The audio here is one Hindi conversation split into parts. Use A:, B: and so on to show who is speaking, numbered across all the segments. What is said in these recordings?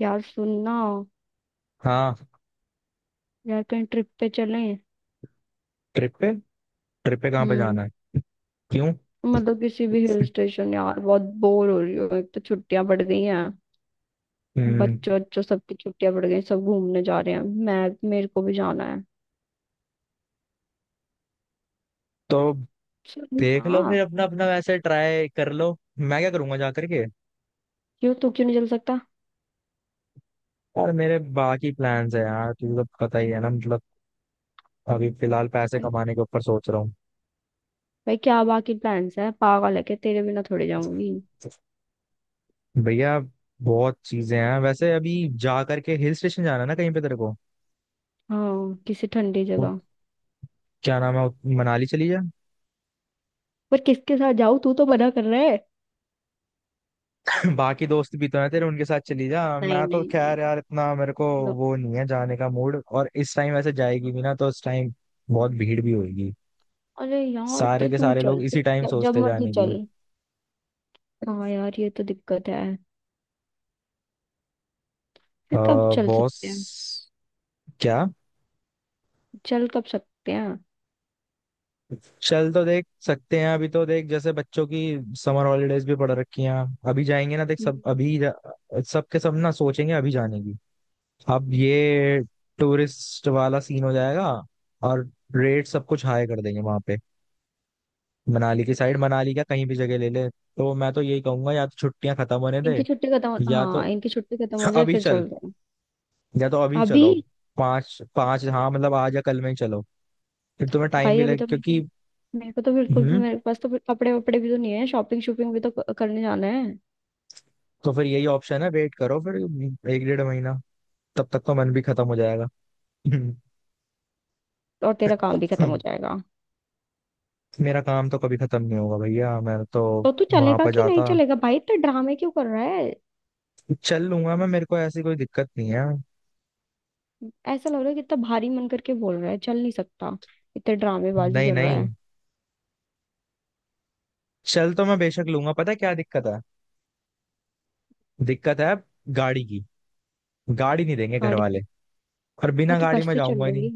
A: यार सुनना।
B: हाँ।
A: यार कहीं ट्रिप पे चलें।
B: ट्रिप पे। ट्रिप पे कहाँ पे
A: हम्म,
B: जाना है? क्यों?
A: मतलब किसी भी हिल स्टेशन, यार बहुत बोर हो रही हूँ। एक तो छुट्टियां पड़ गई हैं।
B: हम्म।
A: बच्चों बच्चों सबकी छुट्टियां पड़ गई, सब घूमने जा रहे हैं, मैं, मेरे को भी जाना है।
B: तो
A: चलो
B: देख लो फिर
A: ना।
B: अपना अपना, वैसे ट्राई कर लो, मैं क्या करूंगा जा करके।
A: क्यों? तू क्यों नहीं चल सकता?
B: यार मेरे बाकी प्लान्स है यार, तुझे तो पता ही है ना, मतलब अभी फिलहाल पैसे
A: भाई
B: कमाने के ऊपर सोच रहा हूँ।
A: भाई क्या बाकी प्लान्स है? पागल है क्या? तेरे बिना थोड़े जाऊंगी।
B: भैया बहुत चीजें हैं वैसे अभी। जा करके हिल स्टेशन जाना है ना कहीं पे तेरे को?
A: हाँ, किसी ठंडी
B: वो
A: जगह।
B: क्या नाम है, मनाली चली जा।
A: पर किसके साथ जाऊँ? तू तो मना कर रहा है।
B: बाकी दोस्त भी तो हैं तेरे, उनके साथ चली जा।
A: नहीं
B: मैं तो
A: नहीं नहीं।
B: खैर यार इतना मेरे को
A: नो।
B: वो नहीं है जाने का मूड। और इस टाइम ऐसे जाएगी भी ना तो इस टाइम बहुत भीड़ भी होगी।
A: अरे यार,
B: सारे
A: तो
B: के
A: तू
B: सारे लोग
A: चल।
B: इसी
A: तू
B: टाइम
A: जब
B: सोचते हैं
A: मर्जी
B: जाने की।
A: चल। हाँ यार, ये तो दिक्कत है।
B: अ,
A: फिर कब चल
B: बॉस
A: सकते हैं?
B: क्या?
A: चल कब सकते हैं?
B: चल तो देख सकते हैं अभी, तो देख जैसे बच्चों की समर हॉलीडेज भी पड़ रखी हैं। अभी जाएंगे ना, देख सब
A: हम्म।
B: अभी जा, सब के सब ना सोचेंगे अभी जाने की। अब ये टूरिस्ट वाला सीन हो जाएगा और रेट सब कुछ हाई कर देंगे वहां पे। मनाली की साइड, मनाली क्या कहीं भी जगह ले ले, तो मैं तो यही कहूंगा या तो छुट्टियां खत्म होने दे,
A: इनकी छुट्टी
B: या तो
A: हाँ, इनकी छुट्टी खत्म हो जाए
B: अभी
A: फिर चल
B: चल,
A: रहे हैं।
B: या तो अभी
A: अभी?
B: चलो पाँच पाँच। हाँ मतलब आज या कल में ही चलो, फिर तुम्हें टाइम
A: भाई,
B: भी
A: अभी
B: लगे
A: तो मेरे
B: क्योंकि।
A: को मेरे को तो बिल्कुल भी,
B: हम्म।
A: मेरे पास तो फिर कपड़े वपड़े भी तो नहीं है। शॉपिंग शॉपिंग भी तो करने जाना है।
B: तो फिर यही ऑप्शन है, वेट करो फिर एक डेढ़ महीना, तब तक तो मन भी खत्म हो जाएगा।
A: और तेरा काम भी खत्म हो
B: हम्म।
A: जाएगा।
B: मेरा काम तो कभी खत्म नहीं होगा भैया, मैं तो
A: तो तू
B: वहां
A: चलेगा
B: पर
A: कि नहीं
B: जाता
A: चलेगा भाई? इतने ड्रामे क्यों कर रहा है?
B: चल लूंगा, मैं मेरे को ऐसी कोई दिक्कत नहीं है।
A: ऐसा लग रहा है कि इतना भारी मन करके बोल रहा है, चल नहीं सकता। इतने ड्रामेबाजी
B: नहीं
A: कर रहा
B: नहीं,
A: है।
B: चल तो मैं बेशक लूंगा, पता है क्या दिक्कत है? दिक्कत है गाड़ी की। गाड़ी नहीं देंगे घर
A: गाड़ी?
B: वाले, और
A: मैं
B: बिना
A: तो
B: गाड़ी
A: बस
B: में
A: से चल
B: जाऊंगा ही नहीं।
A: लूंगी।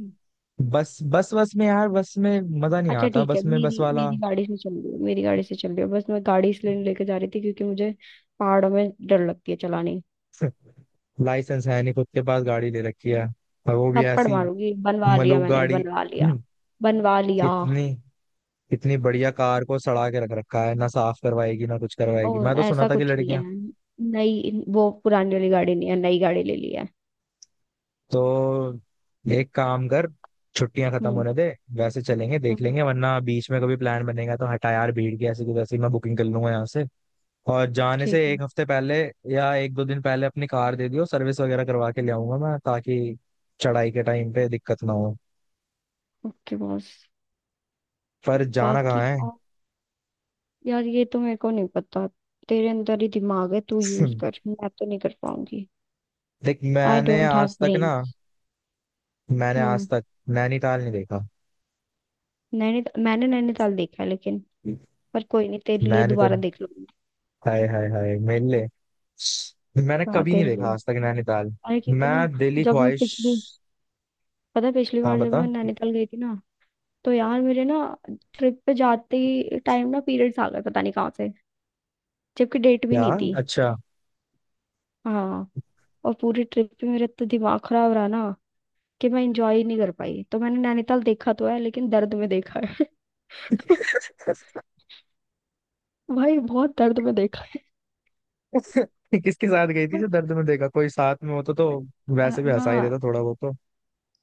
B: बस बस बस में यार, बस में मजा नहीं
A: अच्छा
B: आता,
A: ठीक है।
B: बस में बस
A: मेरी
B: वाला।
A: मेरी गाड़ी से चल रही हो, मेरी गाड़ी से चल रही हो। बस मैं गाड़ी इसलिए नहीं लेके जा रही थी क्योंकि मुझे पहाड़ों में डर लगती है चलानी।
B: लाइसेंस है नहीं खुद के पास, गाड़ी ले रखी है और वो भी
A: थप्पड़
B: ऐसी
A: मारूंगी। बनवा लिया,
B: मलूक
A: मैंने
B: गाड़ी।
A: बनवा लिया,
B: हम्म।
A: बनवा लिया।
B: कितनी कितनी बढ़िया कार को सड़ा के रख रखा है, ना साफ करवाएगी ना कुछ
A: ओ,
B: करवाएगी, मैं तो सुना
A: ऐसा
B: था कि
A: कुछ नहीं है।
B: लड़कियां।
A: नई, वो पुरानी वाली गाड़ी नहीं है, नई गाड़ी ले ली है।
B: तो एक काम कर, छुट्टियां खत्म
A: हम्म।
B: होने दे, वैसे चलेंगे देख
A: हम्म।
B: लेंगे, वरना बीच में कभी प्लान बनेगा तो हटा यार भीड़ की ऐसी की वैसी, मैं बुकिंग कर लूंगा यहाँ से। और जाने
A: ठीक
B: से
A: है।
B: एक हफ्ते पहले या एक दो दिन पहले अपनी कार दे दियो, सर्विस वगैरह करवा के ले आऊंगा मैं, ताकि चढ़ाई के टाइम पे दिक्कत ना हो।
A: Okay boss.
B: पर जाना कहाँ
A: बाकी
B: है?
A: और, यार ये तो मेरे को नहीं पता। तेरे अंदर ही दिमाग है, तू यूज कर, मैं तो नहीं कर पाऊंगी।
B: देख
A: आई
B: मैंने
A: डोंट हैव
B: आज तक ना,
A: ब्रेन्स।
B: मैंने
A: हम्म।
B: आज तक नैनीताल नहीं देखा।
A: नैनी, मैंने नैनीताल देखा है, लेकिन पर कोई नहीं, तेरे लिए
B: मैंने तो,
A: दोबारा देख लूंगी।
B: हाय हाय हाय मेरे लिए, मैंने
A: हाँ,
B: कभी नहीं
A: तेरे
B: देखा
A: लिए।
B: आज तक नैनीताल।
A: अरे क्योंकि ना,
B: मैं दिल्ली
A: जब मैं
B: ख्वाहिश।
A: पिछली पता है, पिछली
B: हाँ
A: बार जब मैं
B: बता।
A: नैनीताल गई थी ना, तो यार मेरे ना, ट्रिप पे जाते ही टाइम ना पीरियड्स आ गए, पता नहीं कहाँ से। जबकि डेट भी
B: क्या?
A: नहीं थी।
B: अच्छा।
A: हाँ। और पूरी ट्रिप पे मेरा इतना दिमाग खराब रहा ना, कि मैं इंजॉय ही नहीं कर पाई। तो मैंने नैनीताल देखा तो है लेकिन दर्द में देखा है। तो भाई, बहुत दर्द में देखा है।
B: किसके साथ गई थी
A: और,
B: जो दर्द में देखा? कोई साथ में होता तो वैसे भी हंसा ही
A: हाँ।
B: देता थोड़ा बहुत तो।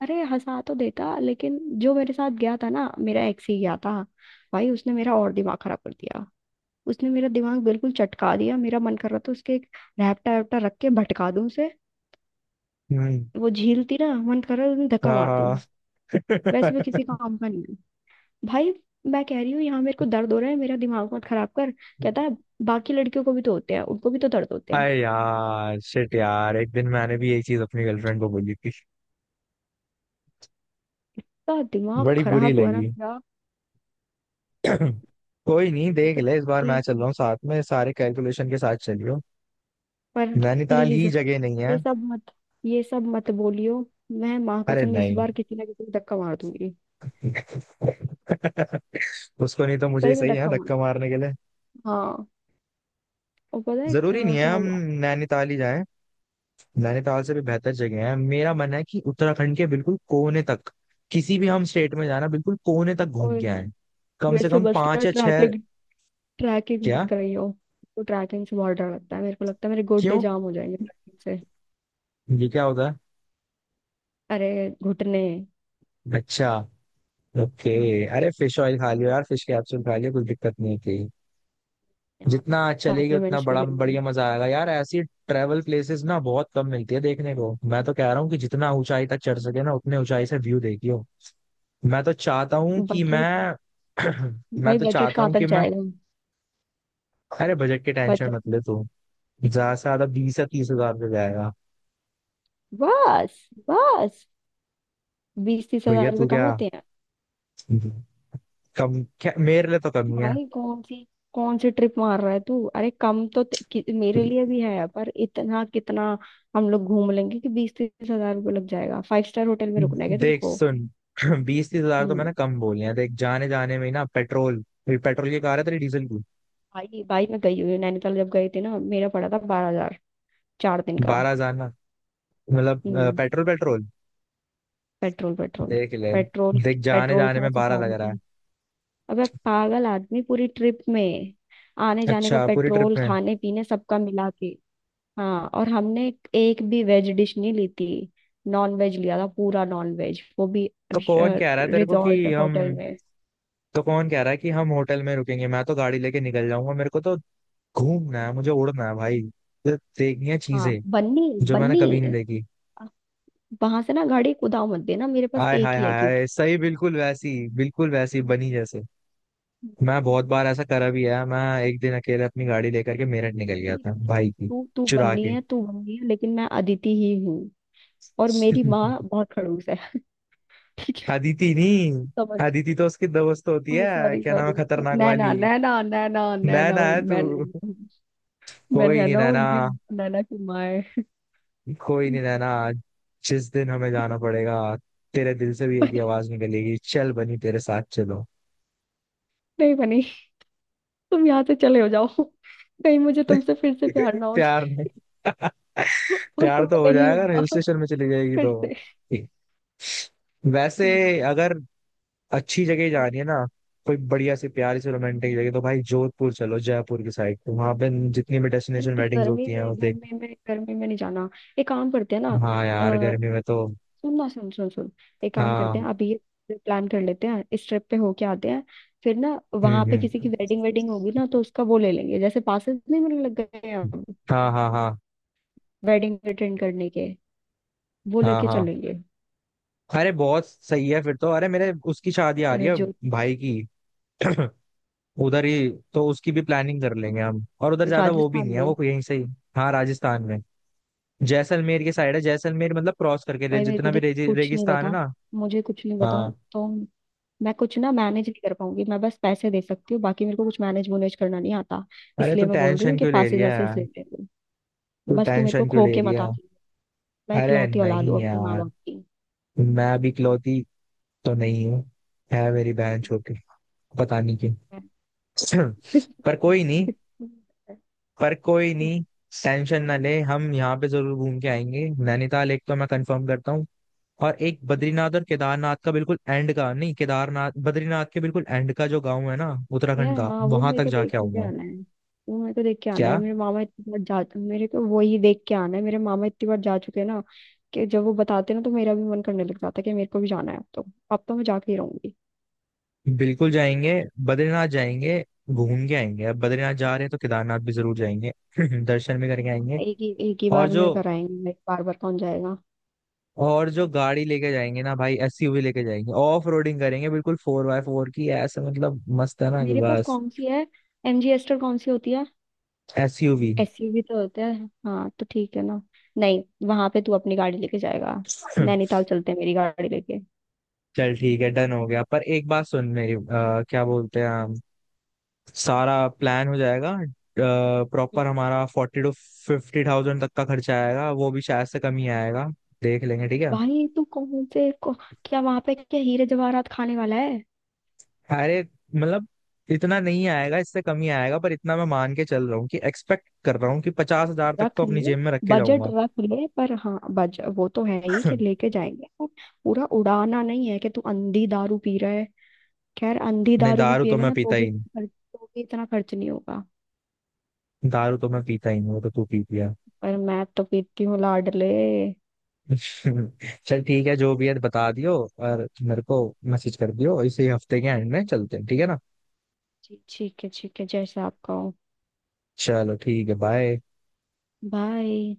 A: अरे हंसा तो देता, लेकिन जो मेरे साथ गया था ना, मेरा एक्स ही गया था। भाई उसने मेरा और दिमाग खराब कर दिया। उसने मेरा दिमाग बिल्कुल चटका दिया। मेरा मन कर रहा था उसके एक रैपटा वैपटा रख के भटका दूं उसे।
B: हम्म।
A: वो झील थी ना, मन कर रहा था उसमें धक्का मार दूं।
B: हाँ।
A: वैसे भी किसी काम का नहीं है भाई। मैं कह रही हूँ यहाँ मेरे को दर्द हो रहा है, मेरा दिमाग मत खराब कर। कहता है बाकी लड़कियों को भी तो होते हैं, उनको भी तो दर्द होते हैं।
B: हाय यार शिट यार, एक दिन मैंने भी यही चीज अपनी गर्लफ्रेंड को बोली थी,
A: तो दिमाग
B: बड़ी बुरी
A: खराब हुआ ना
B: लगी।
A: मेरा।
B: कोई नहीं,
A: ये
B: देख
A: तो
B: ले इस बार मैं चल रहा हूँ साथ में, सारे कैलकुलेशन के साथ चलियो।
A: पर
B: नैनीताल
A: प्लीज,
B: ही जगह नहीं है।
A: ये सब मत ये सब मत बोलियो। मैं माँ
B: अरे
A: कसम इस
B: नहीं।
A: बार किसी ना किसी को धक्का मार दूंगी।
B: उसको नहीं तो मुझे ही
A: सही में
B: सही है
A: धक्का मार।
B: धक्का मारने के लिए।
A: हाँ। और पता है
B: जरूरी नहीं है
A: क्या
B: हम
A: हुआ।
B: नैनीताल ही जाएं। नैनीताल से भी बेहतर जगह है, मेरा मन है कि उत्तराखंड के बिल्कुल कोने तक, किसी भी हम स्टेट में जाना बिल्कुल कोने तक
A: और
B: घूम के आए। कम
A: मेरे
B: से
A: से
B: कम
A: बस ना,
B: पांच या छह।
A: ट्रैकिंग ट्रैकिंग मत
B: क्या?
A: कराइयो। तो ट्रैकिंग से बहुत डर लगता है मेरे को, लगता है मेरे गोड्डे
B: क्यों
A: जाम हो जाएंगे ट्रैकिंग से।
B: ये क्या होता है?
A: अरे, घुटने।
B: अच्छा, ओके। अरे फिश ऑयल खा लियो यार, फिश कैप्सूल खा लियो, कुछ दिक्कत नहीं थी।
A: यार
B: जितना चलेगी उतना
A: सप्लीमेंट्स भी
B: बड़ा
A: लेंगे?
B: बढ़िया मजा आएगा यार, ऐसी ट्रैवल प्लेसेस ना बहुत कम मिलती है देखने को, मैं तो कह रहा हूँ कि जितना ऊंचाई तक चढ़ सके ना, उतने ऊंचाई से व्यू देखियो। मैं तो चाहता हूँ कि
A: बजट।
B: मैं, मैं
A: भाई
B: तो
A: बजट
B: चाहता
A: कहाँ
B: हूँ कि
A: तक
B: मैं,
A: जाएगा?
B: अरे बजट की टेंशन
A: बजट।
B: मत ले तू, ज्यादा से ज्यादा 20 या 30 हज़ार रुपये जाएगा।
A: बस बस। बीस तीस
B: भैया
A: हजार रुपये
B: तू
A: कम
B: क्या,
A: होते हैं?
B: कम क्या मेरे लिए तो कम ही
A: भाई कौन सी ट्रिप मार रहा है तू? अरे कम तो
B: है।
A: मेरे लिए भी है, पर इतना कितना? हम लोग घूम लेंगे कि 20-30 हजार रुपये लग जाएगा? फाइव स्टार होटल में रुकना है क्या तेरे
B: देख
A: को?
B: सुन। 20, 30 हज़ार तो
A: हम्म।
B: मैंने कम बोले हैं, देख जाने जाने में ही ना पेट्रोल, फिर पेट्रोल की कार है तेरी डीजल की।
A: भाई भाई मैं गई हुई हूँ, नैनीताल जब गई थी ना, मेरा पड़ा था 12 हजार, 4 दिन का।
B: 12 हज़ार ना? मतलब
A: हम्म।
B: Petrol petrol.
A: Petrol petrol.
B: देख ले,
A: पेट्रोल
B: देख जाने
A: पेट्रोल
B: जाने
A: था
B: में 12 लग
A: सफारी
B: रहा है।
A: की। अबे पागल आदमी, पूरी ट्रिप में आने जाने का
B: अच्छा पूरी
A: पेट्रोल,
B: ट्रिप में?
A: खाने पीने सबका मिला के। हाँ। और हमने एक भी वेज डिश नहीं ली थी, नॉन वेज लिया था, पूरा नॉन वेज, वो भी
B: तो कौन कह रहा है तेरे को
A: रिजॉर्ट
B: कि
A: होटल
B: हम,
A: में।
B: तो कौन कह रहा है कि हम होटल में रुकेंगे? मैं तो गाड़ी लेके निकल जाऊंगा, मेरे को तो घूमना है, मुझे उड़ना है भाई, तो देखनी है
A: हाँ
B: चीजें
A: बन्नी।
B: जो मैंने
A: बन्नी
B: कभी नहीं देखी।
A: वहां से ना गाड़ी कुदाओ मत। देना मेरे पास
B: आय
A: एक
B: हाय
A: ही है
B: हाय
A: क्योंकि
B: हाय, सही बिल्कुल वैसी बनी जैसे, मैं बहुत बार ऐसा करा भी है, मैं एक दिन अकेले अपनी गाड़ी लेकर के मेरठ निकल गया
A: एक
B: था
A: और-
B: भाई की
A: तू तू
B: चुरा
A: बन्नी
B: के।
A: है, तू बन्नी है लेकिन मैं अदिति ही हूँ। और मेरी माँ बहुत खड़ूस है। ठीक है,
B: अदिति
A: समझ।
B: नहीं, अदिति तो उसकी दोस्त होती
A: ओह
B: है,
A: सॉरी
B: क्या नाम है
A: सॉरी।
B: खतरनाक
A: नैना
B: वाली।
A: नैना नैना नैना
B: नैना
A: हूँ,
B: है तू।
A: मैं नैना हूँ। मैं
B: कोई नहीं
A: नैना हूँ और
B: नैना।
A: मेरी नैना की माँ है।
B: कोई नहीं नैना, जिस दिन हमें जाना पड़ेगा तेरे दिल से भी एक ही आवाज निकलेगी, चल बनी तेरे साथ चलो।
A: नहीं बनी, तुम यहाँ से चले हो जाओ। कहीं मुझे तुमसे फिर से प्यार ना हो
B: प्यार
A: जाए।
B: नहीं।
A: और
B: प्यार
A: तुम
B: तो हो
A: नहीं
B: जाएगा अगर हिल
A: होगा
B: स्टेशन में चली जाएगी
A: फिर
B: तो।
A: से।
B: वैसे अगर अच्छी जगह ही जानी है ना, कोई बढ़िया सी प्यारी सी रोमांटिक जगह, तो भाई जोधपुर चलो, जयपुर की साइड, तो वहां पे जितनी भी
A: और
B: डेस्टिनेशन
A: इतनी
B: वेडिंग्स
A: गर्मी
B: होती
A: में,
B: हैं वो देख।
A: गर्मी में नहीं जाना। एक काम करते हैं ना।
B: हाँ यार
A: अः
B: गर्मी में तो।
A: सुन ना, सुन सुन सुन। एक काम करते
B: हाँ।
A: हैं अभी, ये प्लान कर लेते हैं, इस ट्रिप पे होके आते हैं। फिर ना वहां पे किसी की
B: हम्म।
A: वेडिंग वेडिंग होगी ना तो उसका वो ले लेंगे। जैसे पासेस नहीं मिलने लग गए हैं अब,
B: हाँ हाँ हाँ।
A: वेडिंग अटेंड करने के, वो
B: हाँ
A: लेके
B: हाँ।
A: चलेंगे।
B: अरे बहुत सही है, फिर तो अरे मेरे उसकी शादी आ रही है
A: जो
B: भाई की। उधर ही तो उसकी भी प्लानिंग कर लेंगे हम, और उधर ज्यादा वो भी
A: राजस्थान
B: नहीं है,
A: में।
B: वो यहीं से ही। हाँ राजस्थान में। जैसलमेर की साइड है, जैसलमेर मतलब क्रॉस करके
A: भाई मेरे को
B: जितना भी
A: देख, कुछ नहीं
B: रेगिस्तान है
A: पता,
B: ना।
A: मुझे कुछ नहीं पता।
B: हाँ।
A: तो मैं कुछ ना मैनेज नहीं कर पाऊंगी। मैं बस पैसे दे सकती हूँ, बाकी मेरे को कुछ मैनेज वोनेज करना नहीं आता।
B: अरे तू
A: इसलिए मैं बोल रही हूँ
B: टेंशन
A: कि
B: क्यों ले
A: पाँच
B: रही
A: हजार से
B: है?
A: ले ले लूँ।
B: तो
A: बस तू मेरे को
B: टेंशन क्यों
A: खो
B: ले
A: के
B: रही
A: मत
B: है?
A: आ जाइए। मैं
B: अरे
A: इकलौती औलाद
B: नहीं
A: हूँ अपने माँ
B: यार,
A: बाप की।
B: मैं अभी इकलौती तो नहीं हूँ, है मेरी बहन छोटी, पता नहीं क्यों। पर कोई नहीं, पर कोई नहीं, टेंशन ना ले, हम यहाँ पे जरूर घूम के आएंगे। नैनीताल एक तो मैं कंफर्म करता हूँ, और एक बद्रीनाथ, और केदारनाथ का बिल्कुल एंड का नहीं, केदारनाथ बद्रीनाथ के बिल्कुल एंड का जो गांव है ना
A: या
B: उत्तराखंड का,
A: हाँ, वो
B: वहां
A: मेरे
B: तक
A: को देख
B: जाके
A: के
B: आऊंगा।
A: आना है। वो मेरे को देख के आना
B: क्या?
A: है मेरे मामा इतनी बार जा मेरे को वही देख के आना है। मेरे मामा इतनी बार जा चुके हैं ना, कि जब वो बताते हैं ना, तो मेरा भी मन करने लग जाता है कि मेरे को भी जाना है। अब तो, अब तो मैं जाके ही रहूंगी।
B: बिल्कुल जाएंगे, बद्रीनाथ जाएंगे, घूम के आएंगे। अब बद्रीनाथ जा रहे हैं तो केदारनाथ भी जरूर जाएंगे। दर्शन भी करके आएंगे।
A: एक ही
B: और
A: बार
B: जो,
A: में कराएंगे, एक बार बार कौन जाएगा?
B: और जो गाड़ी लेके जाएंगे ना भाई, एसयूवी लेके जाएंगे, ऑफ रोडिंग करेंगे बिल्कुल 4x4 की, ऐसे मतलब मस्त है ना कि
A: मेरे पास
B: बस।
A: कौन सी है? एमजी एस्टर कौन सी होती है?
B: एसयूवी।
A: एसयूवी तो होता है, हाँ तो ठीक है ना। नहीं वहां पे तू अपनी गाड़ी लेके जाएगा। नैनीताल चलते हैं मेरी गाड़ी लेके।
B: चल ठीक है, डन हो गया, पर एक बात सुन मेरी, क्या बोलते हैं हम, सारा प्लान हो जाएगा
A: हम्म।
B: प्रॉपर, हमारा 40-50,000 तक का खर्चा आएगा, वो भी शायद से कम ही आएगा, देख लेंगे ठीक है।
A: भाई तू कौन से को, क्या वहां पे क्या हीरे जवाहरात खाने वाला है?
B: अरे मतलब इतना नहीं आएगा, इससे कम ही आएगा, पर इतना मैं मान के चल रहा हूँ कि एक्सपेक्ट कर रहा हूँ कि 50 हज़ार तक तो
A: रख
B: अपनी
A: ले,
B: जेब में रख के
A: बजट
B: जाऊंगा।
A: रख ले, पर हाँ बज वो तो है ही कि लेके जाएंगे, पर पूरा उड़ाना नहीं है, कि तू अंधी दारू पी रहा है। खैर अंधी
B: नहीं,
A: दारू भी
B: दारू तो
A: पिएगा
B: मैं
A: ना तो
B: पीता
A: भी
B: ही नहीं,
A: तो भी इतना खर्च नहीं होगा।
B: दारू तो मैं पीता ही नहीं, वो तो तू पी पिया।
A: पर मैं तो पीती हूँ लाडले।
B: चल ठीक है जो भी है बता दियो, और मेरे को मैसेज कर दियो, इसी हफ्ते के एंड में चलते हैं ठीक है ना?
A: जी ठीक है, ठीक है जैसा आपका हो।
B: चलो ठीक है बाय।
A: बाय।